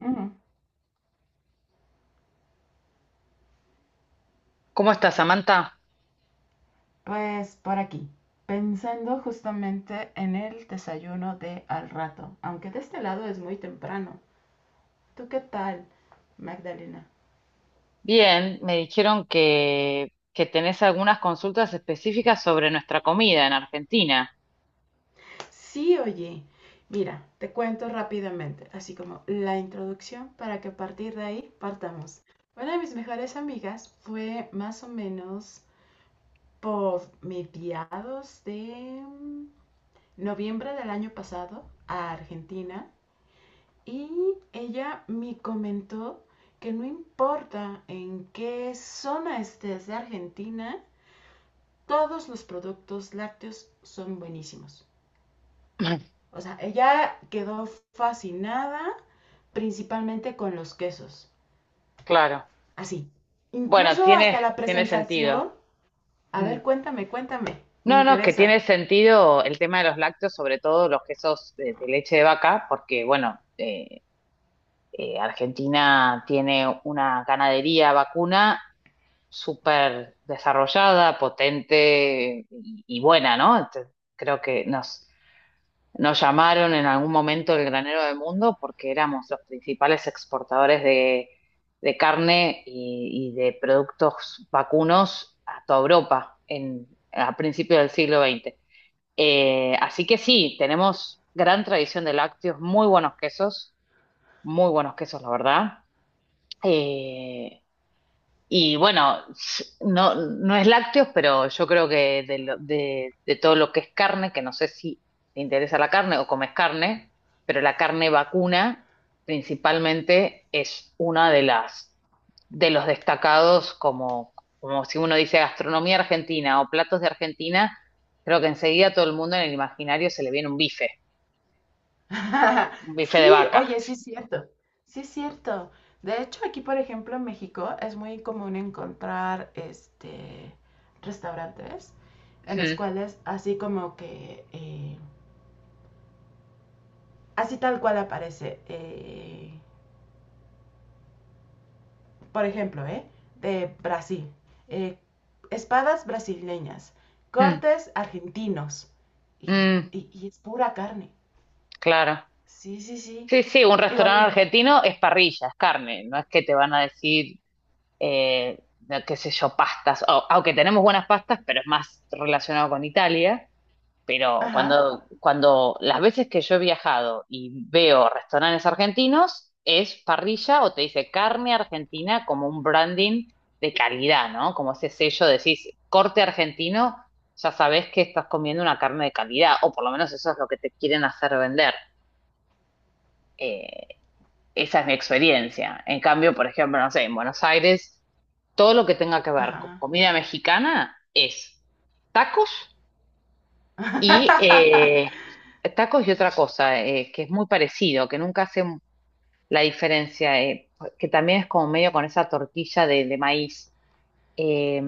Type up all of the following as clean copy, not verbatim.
Ujú. ¿Cómo estás, Samantha? Pues por aquí, pensando justamente en el desayuno de al rato, aunque de este lado es muy temprano. ¿Tú qué tal, Magdalena? Bien, me dijeron que tenés algunas consultas específicas sobre nuestra comida en Argentina. Sí, oye, mira, te cuento rápidamente, así como la introducción para que a partir de ahí partamos. Una de mis mejores amigas fue más o menos por mediados de noviembre del año pasado a Argentina. Y ella me comentó que no importa en qué zona estés de Argentina, todos los productos lácteos son buenísimos. O sea, ella quedó fascinada principalmente con los quesos. Claro. Así. Bueno, Incluso tiene, hasta la tiene sentido. presentación. A Mm. ver, cuéntame, cuéntame. Me No, no, que interesa. tiene sentido el tema de los lácteos, sobre todo los quesos de leche de vaca, porque, bueno, Argentina tiene una ganadería vacuna súper desarrollada, potente y buena, ¿no? Entonces, creo que nos llamaron en algún momento el granero del mundo porque éramos los principales exportadores de carne y de productos vacunos a toda Europa en, a principios del siglo XX. Así que sí, tenemos gran tradición de lácteos, muy buenos quesos, la verdad. Eh, y bueno, no, no es lácteos, pero yo creo que de, de todo lo que es carne, que no sé si te interesa la carne o comes carne, pero la carne vacuna principalmente es una de las de los destacados como, como si uno dice gastronomía argentina o platos de Argentina, creo que enseguida a todo el mundo en el imaginario se le viene un bife de Sí, vaca. oye, sí es cierto, sí es cierto. De hecho, aquí, por ejemplo, en México es muy común encontrar este restaurantes en los Mm, cuales así como que así tal cual aparece, por ejemplo, de Brasil, eh, espadas brasileñas, mm, cortes argentinos y, mm, y es pura carne. claro. Sí, sí, sí. Sí, sí, un Digo, restaurante n- argentino es parrilla, es carne, no es que te van a decir, no, qué sé yo, pastas, O- aunque tenemos buenas pastas, pero es más relacionado con Italia, pero ajá, cuando las veces que yo he viajado y veo restaurantes argentinos, es parrilla o te dice carne argentina como un branding de calidad, ¿no? Como ese sello, decís corte argentino, ya sabés que estás comiendo una carne de calidad, o por lo menos eso es lo que te quieren hacer vender. Eh, Esa es mi experiencia. En cambio, por ejemplo, no sé, en Buenos Aires, todo lo que tenga que ver con ajá. comida mexicana es tacos y tacos y otra cosa que es muy parecido, que nunca hace la diferencia, que también es como medio con esa tortilla de maíz. Eh,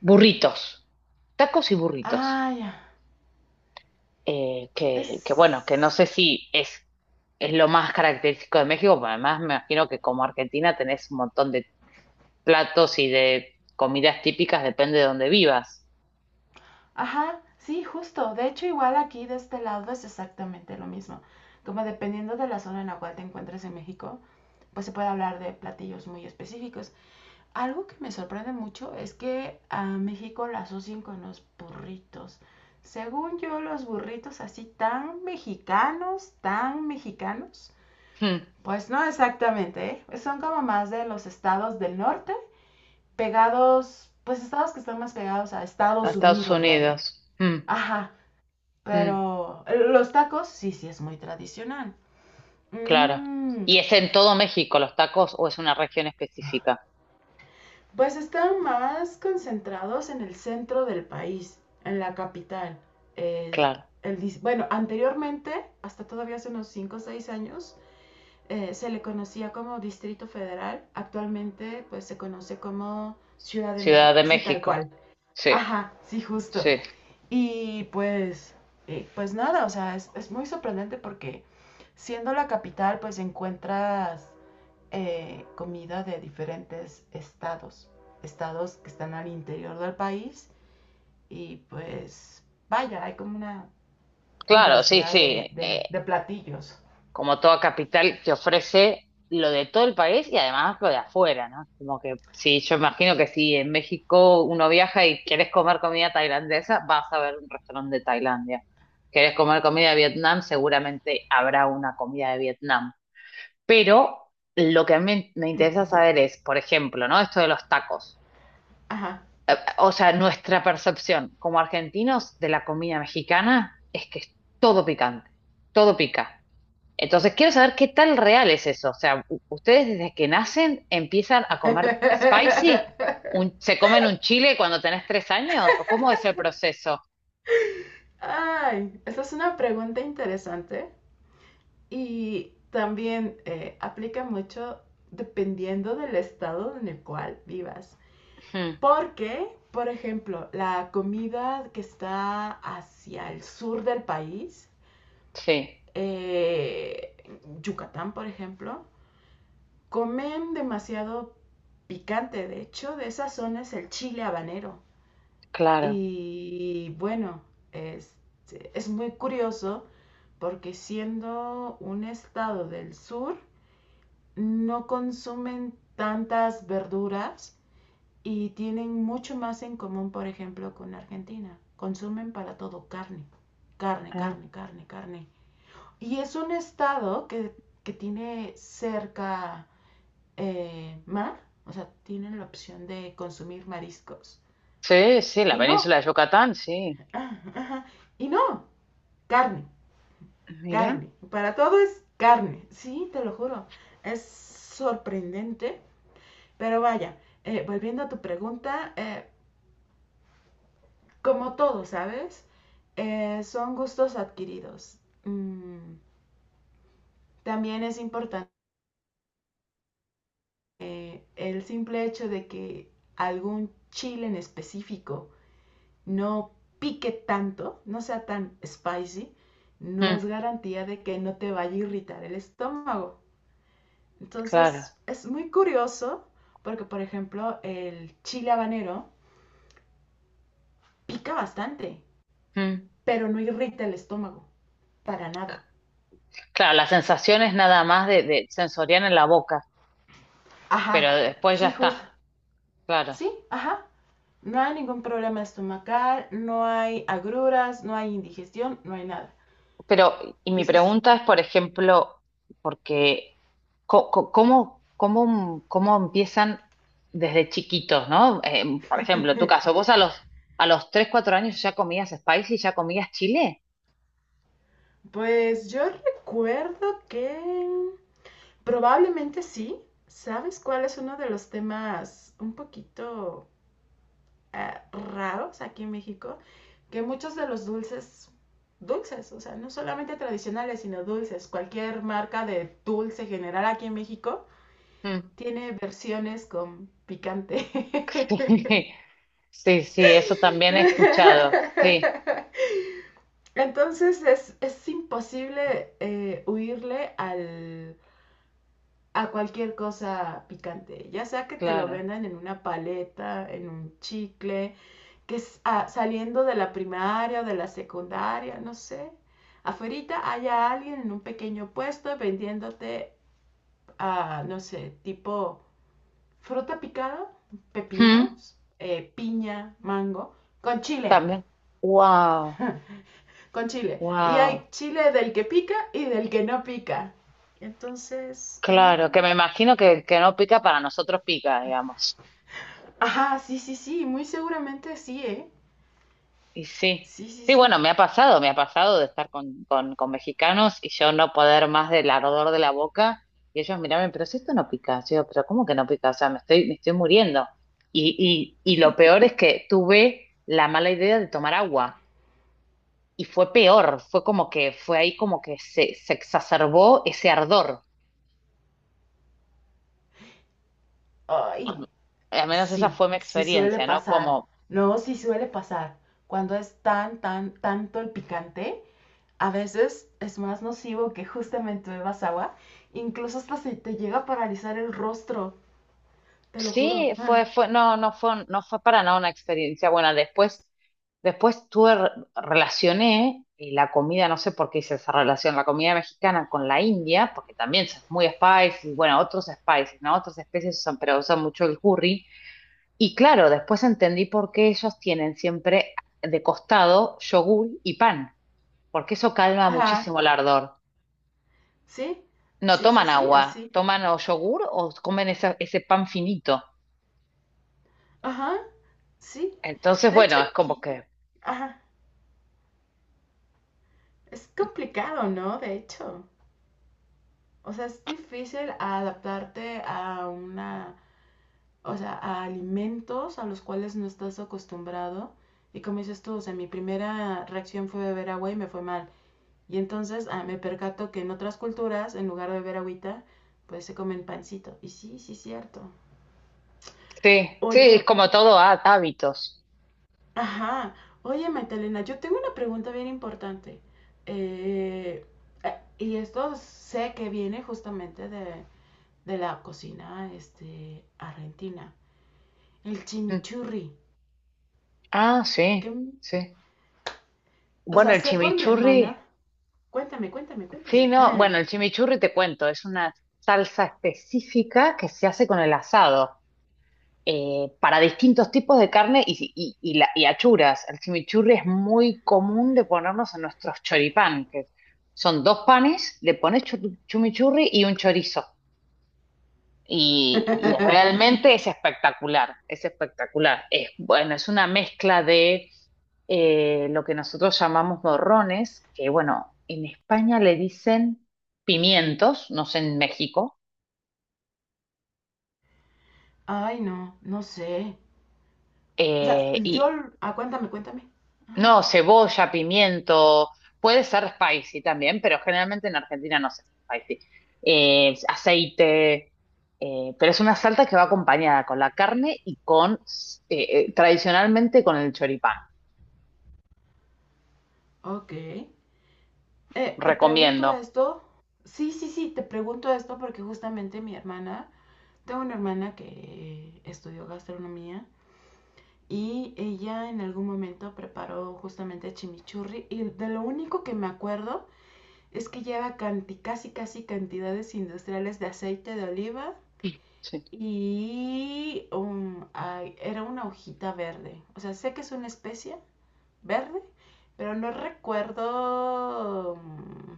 Burritos, tacos y burritos. Ah, ya. Que bueno, que no Es... sé si es lo más característico de México, pero además me imagino que como Argentina tenés un montón de platos y de comidas típicas depende de dónde vivas. Ajá, sí, justo. De hecho, igual aquí de este lado es exactamente lo mismo. Como dependiendo de la zona en la cual te encuentres en México, pues se puede hablar de platillos muy específicos. Algo que me sorprende mucho es que a México la asocian con los burritos. Según yo, los burritos así tan mexicanos, tan mexicanos. Hmm, Pues no exactamente, ¿eh? Son como más de los estados del norte pegados, pues estados que están más pegados a a Estados Estados Unidos, vaya. Unidos. Hmm, Ajá, hmm, pero los tacos sí, sí es muy tradicional. claro. Mmm, ¿Y es en todo México los tacos o es una región específica? pues están más concentrados en el centro del país, en la capital. Eh, Claro. el bueno, anteriormente, hasta todavía hace unos 5, o 6 años, se le conocía como Distrito Federal. Actualmente, pues se conoce como Ciudad de Ciudad México, de así tal México. cual. Sí, Ajá, sí, justo. sí. Y pues, pues nada, o sea, es muy sorprendente porque siendo la capital, pues encuentras comida de diferentes estados, estados que están al interior del país y pues vaya, hay como una Claro, sí, diversidad sí. De platillos. Como toda capital que ofrece lo de todo el país y además lo de afuera, ¿no? Como que sí, yo imagino que si en México uno viaja y quieres comer comida tailandesa, vas a ver un restaurante de Tailandia. Quieres comer comida de Vietnam, seguramente habrá una comida de Vietnam. Pero lo que a mí me interesa saber es, por ejemplo, ¿no? Esto de los tacos. Ajá. O sea, nuestra percepción como argentinos de la comida mexicana es que es todo picante, todo pica. Entonces, quiero saber qué tan real es eso. O sea, u- ustedes desde que nacen empiezan a comer spicy, ¿Un- se comen un chile cuando tenés tres años, ¿o cómo es el proceso? Ay, esa es una pregunta interesante. Y también aplica mucho dependiendo del estado en el cual vivas. Ujú, Porque, por ejemplo, la comida que está hacia el sur del país, sí, eh, Yucatán, por ejemplo, comen demasiado picante. De hecho, de esa zona es el chile habanero. claro. Y bueno, es, es muy curioso porque siendo un estado del sur, no consumen tantas verduras y tienen mucho más en común, por ejemplo, con Argentina. Consumen para todo carne, carne, Ah, carne, carne, carne. Y es un estado que tiene cerca mar, o sea, tienen la opción de consumir mariscos. sí, sí, la Y no, península de Yucatán, sí. y no, carne, Mira. carne. Para todo es carne, sí, te lo juro. Es sorprendente. Pero vaya, volviendo a tu pregunta, como todo, ¿sabes? Son gustos adquiridos. Mm, también es importante el simple hecho de que algún chile en específico no pique tanto, no sea tan spicy, no Mm, es garantía de que no te vaya a irritar el estómago. claro. Entonces, es muy curioso porque, por ejemplo, el chile habanero pica bastante, Mm. pero no irrita el estómago. Para nada. Claro, la sensación es nada más de sensorial en la boca, Ajá, pero después ya sí, está. justo. Claro. Sí, ajá. No hay ningún problema estomacal, no hay agruras, no hay indigestión, no hay nada. Pero, y Y mi eso es... pregunta es, por ejemplo, porque co- co- ¿cómo, cómo, cómo empiezan desde chiquitos, ¿no? Por ejemplo, tu caso, vos a los 3 4 años ya comías spicy, ya comías chile. Pues yo recuerdo que probablemente sí. ¿Sabes cuál es uno de los temas un poquito raros aquí en México? Que muchos de los dulces, dulces, o sea, no solamente tradicionales, sino dulces, cualquier marca de dulce general aquí en México, Mm. tiene versiones con picante. Sí, sí, sí, eso también he escuchado. Sí, Entonces es imposible huirle al, a cualquier cosa picante. Ya sea que te lo claro. vendan en una paleta, en un chicle, que es ah, saliendo de la primaria o de la secundaria, no sé. Afuerita haya alguien en un pequeño puesto vendiéndote, ah, no sé, tipo fruta picada, Mm, pepinos, piña, mango, con chile, también. Wow, con chile. Y hay wow. chile del que pica y del que no pica. Entonces, em, Claro, que me imagino que el que no pica para nosotros pica, digamos. ajá, sí, sí, sí, muy seguramente sí, ¿eh? Y sí, Sí, sí, sí, sí. bueno, me ha pasado de estar con mexicanos y yo no poder más del ardor de la boca y ellos mirarme, pero si esto no pica, yo digo, pero ¿cómo que no pica? O sea, me estoy muriendo. Y lo peor es que tuve la mala idea de tomar agua y fue peor, fue como que fue ahí como que se exacerbó ese ardor. Ay, Al menos esa sí, fue mi sí suele experiencia, ¿no? pasar. Como No, sí suele pasar. Cuando es tan, tan, tanto el picante, a veces es más nocivo que justamente bebas agua. Incluso hasta se te llega a paralizar el rostro, te lo juro. sí, no, no fue para nada una experiencia buena. Después, después tuve, relacioné y la comida, no sé por qué hice esa relación, la comida mexicana con la India, porque también es muy spicy, y bueno, otros spices, ¿no? Otras especies usan, pero usan mucho el curry. Y claro, después entendí por qué ellos tienen siempre de costado yogur y pan, porque eso calma Ajá, muchísimo el ardor. sí, No sí, sí, toman sí, agua, así. toman o yogur o comen ese pan finito. Ajá, sí. Entonces, De hecho bueno, es como aquí, que ajá, es complicado, ¿no? De hecho, o sea, es difícil adaptarte a una, o sea, a alimentos a los cuales no estás acostumbrado. Y como dices tú, o sea, mi primera reacción fue beber agua y me fue mal. Y entonces ah, me percato que en otras culturas, en lugar de beber agüita, pues se comen pancito. Y sí, sí, es cierto. sí, sí, es Oye, como todo hábitos. ajá. Oye, Magdalena, yo tengo una pregunta bien importante. Eh, y esto sé que viene justamente de la cocina este, argentina. El Mm. chimichurri. Ah, Que sí, m- sí. o Bueno, sea, el sé por mi hermana. chimichurri, Cuéntame, cuéntame, sí, cuéntame. no, bueno, el chimichurri te cuento, es una salsa específica que se hace con el asado, para distintos tipos de carne y achuras. El chimichurri es muy común de ponernos en nuestros choripán, que son dos panes, le pones chimichurri y un chorizo. Y realmente es espectacular, es espectacular. Es, bueno, es una mezcla de lo que nosotros llamamos morrones, que bueno, en España le dicen pimientos, no sé en México, Ay, no, no sé. O sea, eh, yo... y Ah, cuéntame, cuéntame. Ajá. no, cebolla, pimiento, puede ser spicy también, pero generalmente en Argentina no se hace spicy. Aceite, pero es una salsa que va acompañada con la carne y con, tradicionalmente con el choripán. Ok. Te pregunto Recomiendo. esto. Sí, sí, sí, te pregunto esto porque justamente mi hermana... Tengo una hermana que estudió gastronomía y ella en algún momento preparó justamente chimichurri y de lo único que me acuerdo es que lleva canti, casi casi cantidades industriales de aceite de oliva Sí. y un- ay, era una hojita verde. O sea, sé que es una especie verde, pero no recuerdo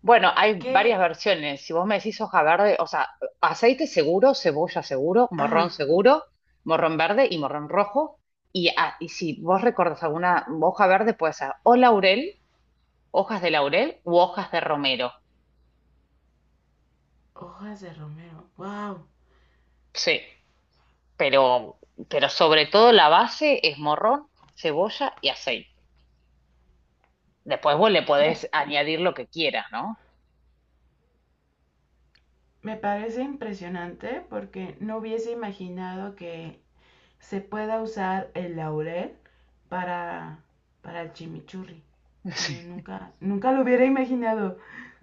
Bueno, hay varias qué... versiones. Si vos me decís hoja verde, o sea, aceite seguro, cebolla Ajá, seguro, morrón verde y morrón rojo. Y, y si vos recordás alguna hoja verde, puede ser o laurel, hojas de laurel u hojas de romero. hojas de romero. Wow. Sí, pero, pero sobre todo la base es morrón, cebolla y aceite. Después vos le Me... podés añadir lo que quieras, ¿no? Me parece impresionante porque no hubiese imaginado que se pueda usar el laurel para, para el chimichurri. No, nunca, nunca lo hubiera imaginado.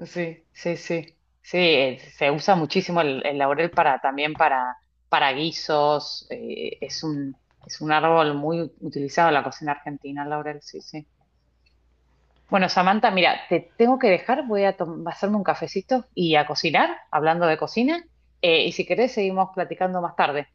Sí, sí, sí. Sí, se usa muchísimo el laurel para también para guisos. Es un árbol muy utilizado en la cocina argentina, el laurel, sí, sí. Bueno, Samantha, mira, te tengo que dejar, voy a hacerme un cafecito y a cocinar, hablando de cocina. Y si querés, seguimos platicando más tarde.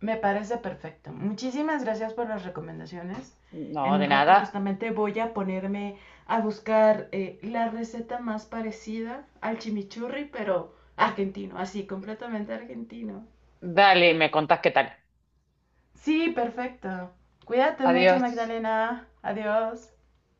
Me parece perfecto. Muchísimas gracias por las recomendaciones. No, En de un rato nada. justamente voy a ponerme a buscar la receta más parecida al chimichurri, pero argentino, así, completamente argentino. Dale, me contás qué tal. Sí, perfecto. Cuídate mucho, Adiós. Magdalena. Adiós.